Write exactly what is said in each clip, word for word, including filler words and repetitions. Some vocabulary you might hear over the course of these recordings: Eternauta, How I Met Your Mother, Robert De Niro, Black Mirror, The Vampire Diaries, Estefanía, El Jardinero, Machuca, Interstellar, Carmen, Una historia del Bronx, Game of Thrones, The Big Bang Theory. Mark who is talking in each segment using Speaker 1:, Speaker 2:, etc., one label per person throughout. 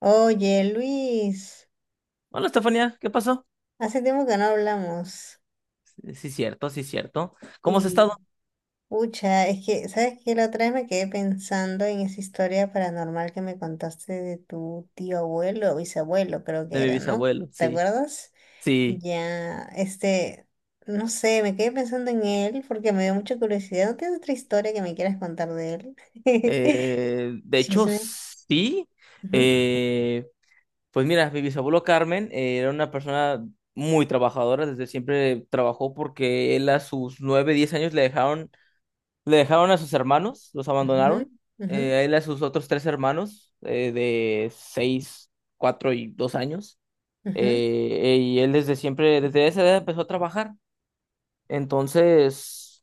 Speaker 1: Oye, Luis,
Speaker 2: Hola, Estefanía, ¿qué pasó?
Speaker 1: hace tiempo que no hablamos
Speaker 2: Sí, sí, cierto, sí, cierto. ¿Cómo has
Speaker 1: y,
Speaker 2: estado?
Speaker 1: pucha, es que, ¿sabes qué? La otra vez me quedé pensando en esa historia paranormal que me contaste de tu tío abuelo o bisabuelo, creo
Speaker 2: De
Speaker 1: que
Speaker 2: mi
Speaker 1: era, ¿no?
Speaker 2: bisabuelo,
Speaker 1: ¿Te
Speaker 2: sí,
Speaker 1: acuerdas?
Speaker 2: sí.
Speaker 1: Ya, este, no sé, me quedé pensando en él porque me dio mucha curiosidad. ¿No tienes otra historia que me quieras contar de él?
Speaker 2: Eh, de hecho,
Speaker 1: Chisme.
Speaker 2: sí.
Speaker 1: Ujú,
Speaker 2: Eh, pues mira, mi bisabuelo Carmen eh, era una persona muy trabajadora, desde siempre trabajó porque él a sus nueve, diez años le dejaron, le dejaron a sus hermanos, los
Speaker 1: ujú,
Speaker 2: abandonaron.
Speaker 1: ujú,
Speaker 2: Eh, a él y a sus otros tres hermanos eh, de seis, cuatro y dos años.
Speaker 1: ujú.
Speaker 2: Eh, y él desde siempre, desde esa edad empezó a trabajar. Entonces,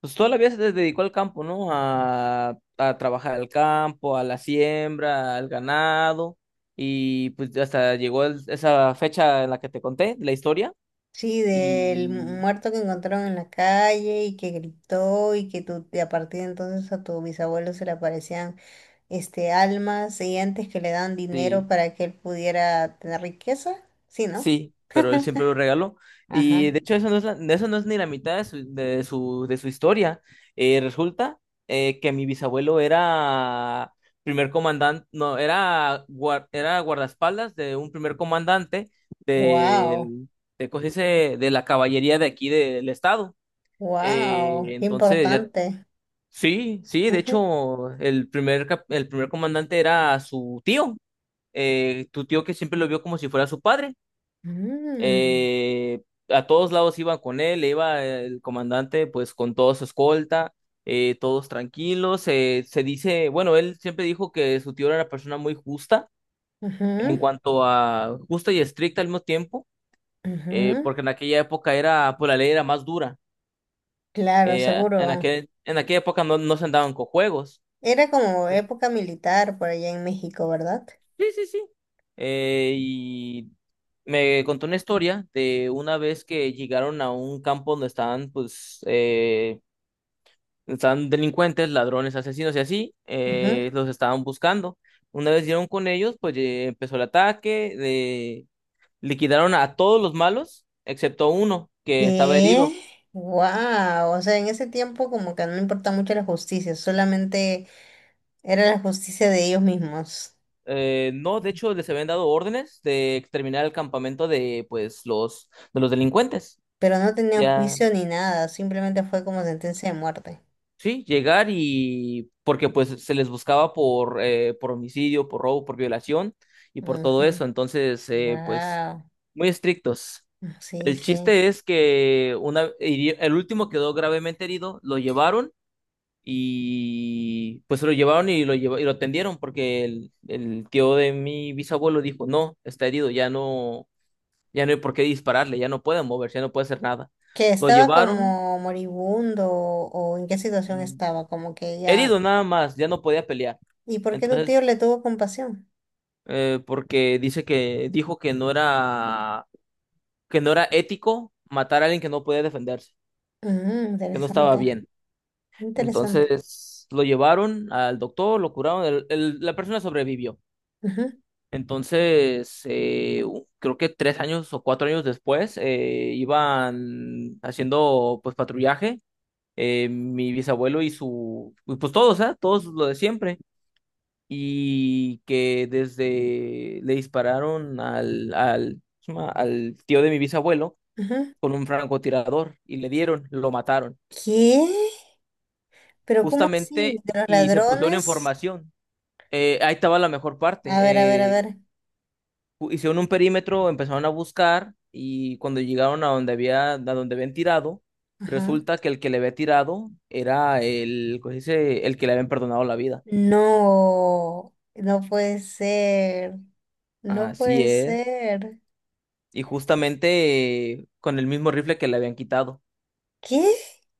Speaker 2: pues toda la vida se dedicó al campo, ¿no? A, a trabajar al campo, a la siembra, al ganado, y pues hasta llegó el- esa fecha en la que te conté, la historia,
Speaker 1: Sí, del
Speaker 2: y
Speaker 1: muerto que encontraron en la calle y que gritó y que tu- y a partir de entonces a tu bisabuelo se le aparecían este almas y antes que le dan dinero
Speaker 2: sí.
Speaker 1: para que él pudiera tener riqueza, sí, ¿no?
Speaker 2: Sí, pero él siempre lo regaló. Y
Speaker 1: Ajá.
Speaker 2: de hecho, eso no es, la- eso no es ni la mitad de su, de su, de su historia. Eh, resulta eh, que mi bisabuelo era primer comandante, no, era, guar- era guardaespaldas de un primer comandante
Speaker 1: Wow,
Speaker 2: del- de, ¿cómo se dice? De la caballería de aquí del estado. Eh,
Speaker 1: wow, qué
Speaker 2: entonces, ya,
Speaker 1: importante.
Speaker 2: sí, sí, de
Speaker 1: Ujú.
Speaker 2: hecho, el primer, cap- el primer comandante era su tío, eh, tu tío que siempre lo vio como si fuera su padre.
Speaker 1: Mm,
Speaker 2: Eh, a todos lados iban con él, iba el comandante pues con toda su escolta, eh, todos tranquilos. Eh, se dice, bueno, él siempre dijo que su tío era una persona muy justa en
Speaker 1: ujú,
Speaker 2: cuanto a justa y estricta al mismo tiempo, eh,
Speaker 1: ujú.
Speaker 2: porque en aquella época era, pues la ley era más dura.
Speaker 1: Claro,
Speaker 2: Eh,
Speaker 1: seguro.
Speaker 2: en aquel, en aquella época no, no se andaban con juegos.
Speaker 1: Era como época militar por allá en México, ¿verdad?
Speaker 2: Sí, sí, sí. Eh, y me contó una historia de una vez que llegaron a un campo donde estaban, pues, eh, estaban delincuentes, ladrones, asesinos y así,
Speaker 1: Ujú.
Speaker 2: eh, los estaban buscando. Una vez dieron con ellos, pues eh, empezó el ataque, eh, liquidaron a todos los malos, excepto uno que estaba herido.
Speaker 1: ¿Qué? Wow, o sea, en ese tiempo como que no importaba mucho la justicia, solamente era la justicia de ellos mismos,
Speaker 2: Eh, no, de hecho, les habían dado órdenes de exterminar el campamento de, pues, los, de los delincuentes.
Speaker 1: pero no tenían
Speaker 2: Ya,
Speaker 1: juicio ni nada, simplemente fue como sentencia de muerte.
Speaker 2: sí, llegar y, porque pues se les buscaba por, eh, por homicidio, por robo, por violación y por todo
Speaker 1: Ujú.
Speaker 2: eso. Entonces, eh, pues,
Speaker 1: Wow,
Speaker 2: muy estrictos.
Speaker 1: sí,
Speaker 2: El
Speaker 1: sí.
Speaker 2: chiste es que una, hiri- el último quedó gravemente herido, lo llevaron y pues lo llevaron y lo, lleva- y lo atendieron porque el, el tío de mi bisabuelo dijo, no, está herido, ya no, ya no hay por qué dispararle, ya no puede moverse, ya no puede hacer nada.
Speaker 1: Que
Speaker 2: Lo
Speaker 1: estaba
Speaker 2: llevaron
Speaker 1: como moribundo o en qué situación
Speaker 2: mm,
Speaker 1: estaba, como que ya...
Speaker 2: herido nada más, ya no podía pelear.
Speaker 1: ¿Y por qué tu tío
Speaker 2: Entonces,
Speaker 1: le tuvo compasión?
Speaker 2: eh, porque dice que dijo que no era, que no era ético matar a alguien que no podía defenderse,
Speaker 1: Mm,
Speaker 2: que no estaba
Speaker 1: interesante,
Speaker 2: bien.
Speaker 1: interesante.
Speaker 2: Entonces lo llevaron al doctor, lo curaron, el- el- la persona sobrevivió.
Speaker 1: Ujú,
Speaker 2: Entonces, eh, u- creo que tres años o cuatro años después, eh, iban haciendo pues patrullaje, eh, mi bisabuelo y su, y, pues todos, ¿ah? Todos lo de siempre. Y que desde le dispararon al, al, al tío de mi bisabuelo
Speaker 1: ujú.
Speaker 2: con un francotirador y le dieron, lo mataron.
Speaker 1: ¿Qué? ¿Pero cómo así?
Speaker 2: Justamente,
Speaker 1: ¿De los
Speaker 2: y se pusieron en
Speaker 1: ladrones?
Speaker 2: formación. Eh, ahí estaba la mejor parte.
Speaker 1: A ver, a ver, a
Speaker 2: Eh,
Speaker 1: ver.
Speaker 2: pu- hicieron un perímetro, empezaron a buscar y cuando llegaron a donde había, a donde habían tirado,
Speaker 1: Ajá.
Speaker 2: resulta que el que le había tirado era el, ¿cómo se dice? El que le habían perdonado la vida.
Speaker 1: No, no puede ser. No
Speaker 2: Así
Speaker 1: puede
Speaker 2: es.
Speaker 1: ser.
Speaker 2: Y justamente eh, con el mismo rifle que le habían quitado.
Speaker 1: ¿Qué?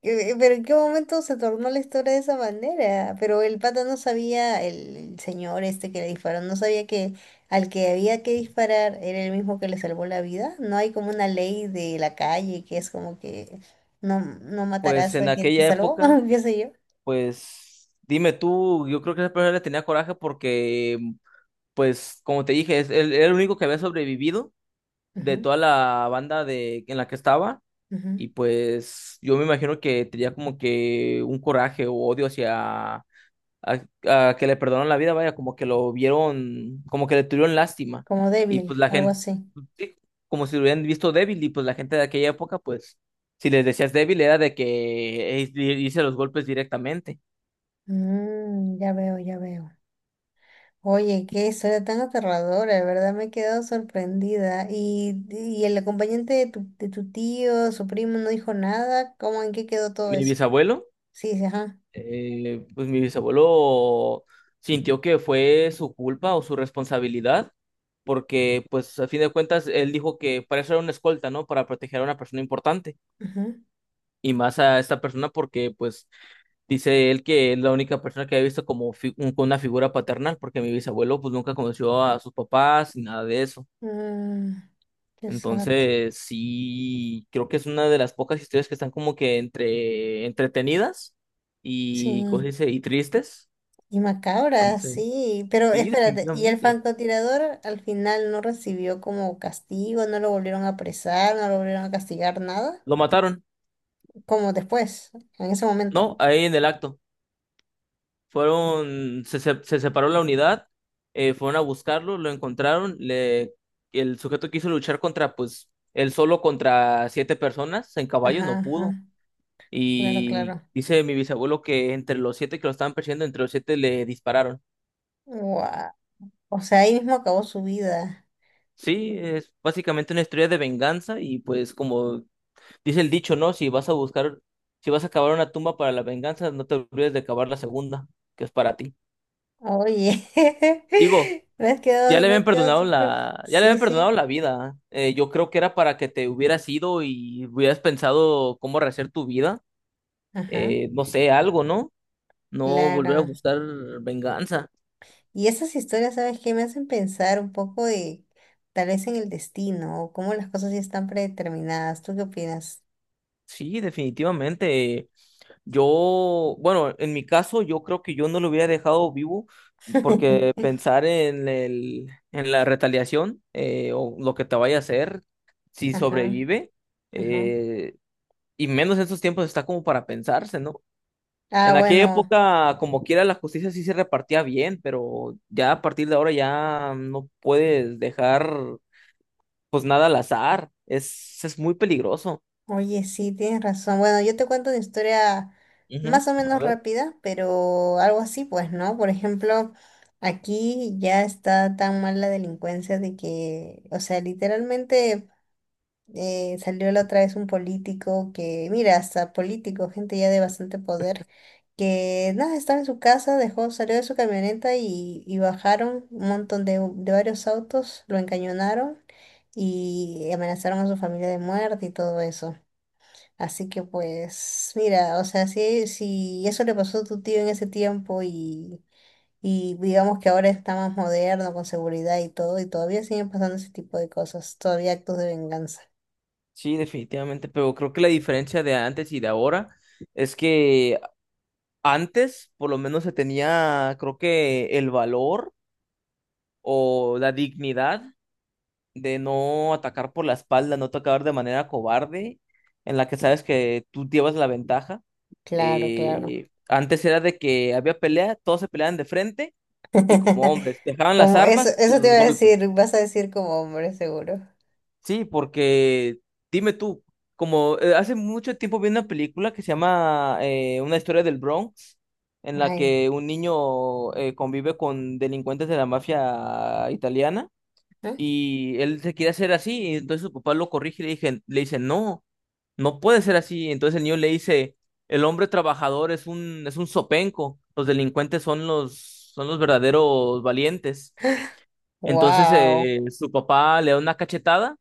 Speaker 1: Eh, eh, ¿Pero en qué momento se tornó la historia de esa manera? Pero el pata no sabía, el el señor este que le disparó, no sabía que al que había que disparar era el mismo que le salvó la vida. No hay como una ley de la calle que es como que no, no
Speaker 2: Pues
Speaker 1: matarás
Speaker 2: en
Speaker 1: a quien te
Speaker 2: aquella
Speaker 1: salvó,
Speaker 2: época,
Speaker 1: qué sé yo.
Speaker 2: pues dime tú, yo creo que esa persona le tenía coraje porque, pues como te dije, es, él era el único que había sobrevivido de
Speaker 1: Ujú,
Speaker 2: toda la banda de, en la que estaba.
Speaker 1: ujú.
Speaker 2: Y pues yo me imagino que tenía como que un coraje o odio hacia a, a que le perdonaron la vida, vaya, como que lo vieron, como que le tuvieron lástima.
Speaker 1: Como
Speaker 2: Y
Speaker 1: débil,
Speaker 2: pues la
Speaker 1: algo
Speaker 2: gente,
Speaker 1: así.
Speaker 2: sí, como si lo hubieran visto débil, y pues la gente de aquella época, pues, si les decías débil, era de que eh, hice los golpes directamente.
Speaker 1: Mm, ya veo, ya veo. Oye, qué historia tan aterradora, de verdad me he quedado sorprendida. ¿Y, y el acompañante de tu, de tu tío, su primo, no dijo nada? ¿Cómo en qué quedó todo
Speaker 2: Mi
Speaker 1: eso?
Speaker 2: bisabuelo
Speaker 1: Sí, sí, ajá.
Speaker 2: eh, pues mi bisabuelo sintió que fue su culpa o su responsabilidad, porque pues a fin de cuentas él dijo que para eso era una escolta, ¿no? Para proteger a una persona importante
Speaker 1: Ujú.
Speaker 2: y más a esta persona porque pues dice él que es la única persona que había visto como fi- un- con una figura paternal, porque mi bisabuelo pues nunca conoció a sus papás ni nada de eso.
Speaker 1: Mm, qué sad.
Speaker 2: Entonces, sí, creo que es una de las pocas historias que están como que entre entretenidas
Speaker 1: Sí.
Speaker 2: y, ¿cómo se dice? Y tristes.
Speaker 1: Y macabra,
Speaker 2: entonces
Speaker 1: sí. Pero
Speaker 2: Sí,
Speaker 1: espérate, ¿y el
Speaker 2: definitivamente.
Speaker 1: francotirador al final no recibió como castigo? ¿No lo volvieron a apresar? ¿No lo volvieron a castigar nada?
Speaker 2: Lo mataron,
Speaker 1: Como después, en ese momento.
Speaker 2: ¿no? Ahí en el acto. Fueron, se, se, se separó la unidad, eh, fueron a buscarlo, lo encontraron, le, el sujeto quiso luchar contra, pues, él solo contra siete personas en caballo,
Speaker 1: Ajá,
Speaker 2: no pudo.
Speaker 1: ajá. Claro,
Speaker 2: Y
Speaker 1: claro.
Speaker 2: dice mi bisabuelo que entre los siete que lo estaban persiguiendo, entre los siete le dispararon.
Speaker 1: Guau. O sea, ahí mismo acabó su vida.
Speaker 2: Sí, es básicamente una historia de venganza y pues como dice el dicho, ¿no? Si vas a buscar, si vas a cavar una tumba para la venganza, no te olvides de cavar la segunda, que es para ti.
Speaker 1: Oye,
Speaker 2: Digo,
Speaker 1: me has
Speaker 2: ya
Speaker 1: quedado,
Speaker 2: le
Speaker 1: me
Speaker 2: habían
Speaker 1: has quedado
Speaker 2: perdonado
Speaker 1: súper.
Speaker 2: la, ya le
Speaker 1: Sí,
Speaker 2: habían perdonado
Speaker 1: sí,
Speaker 2: la vida. Eh, yo creo que era para que te hubieras ido y hubieras pensado cómo rehacer tu vida.
Speaker 1: ajá,
Speaker 2: Eh, no sé, algo, ¿no? No volver a
Speaker 1: claro.
Speaker 2: buscar venganza.
Speaker 1: Y esas historias, ¿sabes qué? Me hacen pensar un poco de tal vez en el destino o cómo las cosas ya están predeterminadas. ¿Tú qué opinas?
Speaker 2: Sí, definitivamente. Yo, bueno, en mi caso, yo creo que yo no lo hubiera dejado vivo porque pensar en el, en la retaliación eh, o lo que te vaya a hacer si
Speaker 1: Ajá,
Speaker 2: sobrevive,
Speaker 1: ajá.
Speaker 2: eh, y menos en estos tiempos está como para pensarse, ¿no?
Speaker 1: Ah,
Speaker 2: En aquella
Speaker 1: bueno.
Speaker 2: época, como quiera, la justicia sí se repartía bien, pero ya a partir de ahora ya no puedes dejar pues nada al azar. Es, es muy peligroso.
Speaker 1: Oye, sí, tienes razón. Bueno, yo te cuento una historia
Speaker 2: Ujú.
Speaker 1: más o
Speaker 2: A
Speaker 1: menos
Speaker 2: ver.
Speaker 1: rápida, pero algo así, pues, ¿no? Por ejemplo, aquí ya está tan mal la delincuencia de que, o sea, literalmente eh, salió la otra vez un político que, mira, hasta político, gente ya de bastante poder, que nada, estaba en su casa, dejó, salió de su camioneta y, y bajaron un montón de, de varios autos, lo encañonaron y amenazaron a su familia de muerte y todo eso. Así que pues, mira, o sea, si, si eso le pasó a tu tío en ese tiempo y, y digamos que ahora está más moderno, con seguridad y todo, y todavía siguen pasando ese tipo de cosas, todavía actos de venganza.
Speaker 2: Sí, definitivamente, pero creo que la diferencia de antes y de ahora es que antes por lo menos se tenía, creo que el valor o la dignidad de no atacar por la espalda, no atacar de manera cobarde, en la que sabes que tú llevas la ventaja.
Speaker 1: Claro, claro.
Speaker 2: Eh, antes era de que había pelea, todos se peleaban de frente y como hombres, dejaban las
Speaker 1: Como eso,
Speaker 2: armas y a
Speaker 1: eso te
Speaker 2: los
Speaker 1: iba a
Speaker 2: golpes.
Speaker 1: decir, vas a decir como hombre, seguro.
Speaker 2: Sí, porque dime tú, como eh, hace mucho tiempo vi una película que se llama eh, Una historia del Bronx, en la
Speaker 1: Ay,
Speaker 2: que un niño eh, convive con delincuentes de la mafia italiana y él se quiere hacer así, y entonces su papá lo corrige y le dije, le dice, no, no puede ser así. Entonces el niño le dice, el hombre trabajador es un, es un zopenco, los delincuentes son los, son los verdaderos valientes. Entonces
Speaker 1: wow,
Speaker 2: eh, su papá le da una cachetada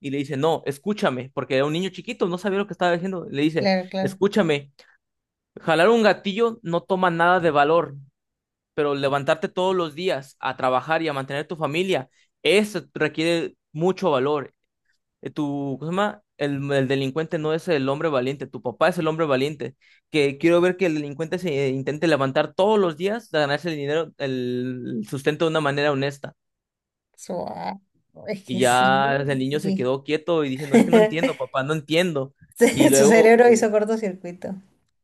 Speaker 2: y le dice, no, escúchame, porque era un niño chiquito, no sabía lo que estaba diciendo. Le dice,
Speaker 1: claro, claro.
Speaker 2: escúchame, jalar un gatillo no toma nada de valor, pero levantarte todos los días a trabajar y a mantener tu familia. Eso requiere mucho valor eh, tu, ¿cómo se llama? El, el delincuente no es el hombre valiente, tu papá es el hombre valiente. Que quiero ver que el delincuente se eh, intente levantar todos los días a ganarse el dinero, el sustento de una manera honesta.
Speaker 1: Suave. Es
Speaker 2: Y
Speaker 1: que sí.
Speaker 2: ya el niño se quedó quieto y diciendo, es que no entiendo, papá, no entiendo. Y
Speaker 1: Su
Speaker 2: luego,
Speaker 1: cerebro hizo cortocircuito.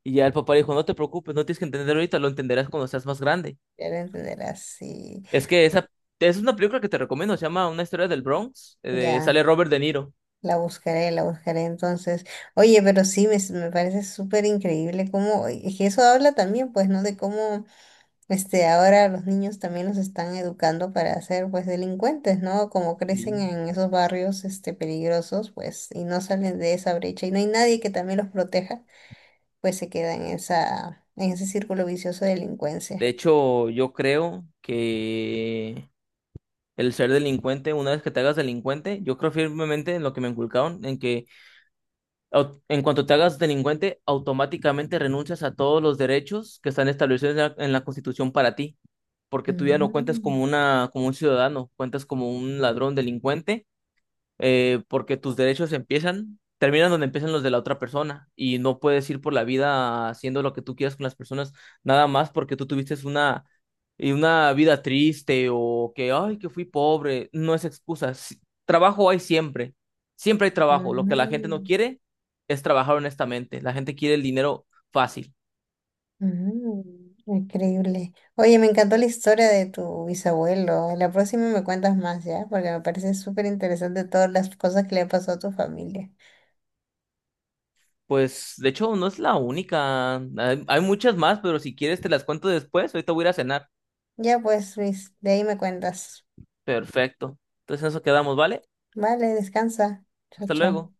Speaker 2: y ya el papá dijo, no te preocupes, no tienes que entender ahorita, lo entenderás cuando seas más grande.
Speaker 1: Ya lo entenderás, sí.
Speaker 2: Es que esa, es una película que te recomiendo, se llama Una historia del Bronx, eh,
Speaker 1: Ya.
Speaker 2: sale Robert De Niro.
Speaker 1: La buscaré, la buscaré entonces. Oye, pero sí, me, s- me parece súper increíble cómo, es que eso habla también, pues, ¿no? De cómo, este, ahora los niños también los están educando para ser, pues, delincuentes, ¿no? Como crecen
Speaker 2: Sí.
Speaker 1: en esos barrios, este, peligrosos, pues, y no salen de esa brecha y no hay nadie que también los proteja, pues se queda en esa, en ese círculo vicioso de
Speaker 2: De
Speaker 1: delincuencia.
Speaker 2: hecho, yo creo que el ser delincuente, una vez que te hagas delincuente, yo creo firmemente en lo que me inculcaron, en que au- en cuanto te hagas delincuente, automáticamente renuncias a todos los derechos que están establecidos en la, en la Constitución para ti, porque tú ya no cuentas como
Speaker 1: Mm,
Speaker 2: una, como un ciudadano, cuentas como un ladrón delincuente eh, porque tus derechos empiezan, terminan donde empiezan los de la otra persona y no puedes ir por la vida haciendo lo que tú quieras con las personas nada más porque tú tuviste una, y una vida triste o que, ay, que fui pobre, no es excusa. Si- Trabajo hay siempre, siempre hay trabajo. Lo que la gente no
Speaker 1: mm.
Speaker 2: quiere es trabajar honestamente. La gente quiere el dinero fácil.
Speaker 1: Mm, increíble. Oye, me encantó la historia de tu bisabuelo. La próxima me cuentas más, ¿ya? Porque me parece súper interesante todas las cosas que le pasó a tu familia.
Speaker 2: Pues de hecho no es la única, hay, hay muchas más, pero si quieres te las cuento después, ahorita voy a ir a cenar.
Speaker 1: Ya pues, Luis, de ahí me cuentas.
Speaker 2: Perfecto. Entonces en eso quedamos, ¿vale?
Speaker 1: Vale, descansa. Chao,
Speaker 2: Hasta
Speaker 1: chao.
Speaker 2: luego.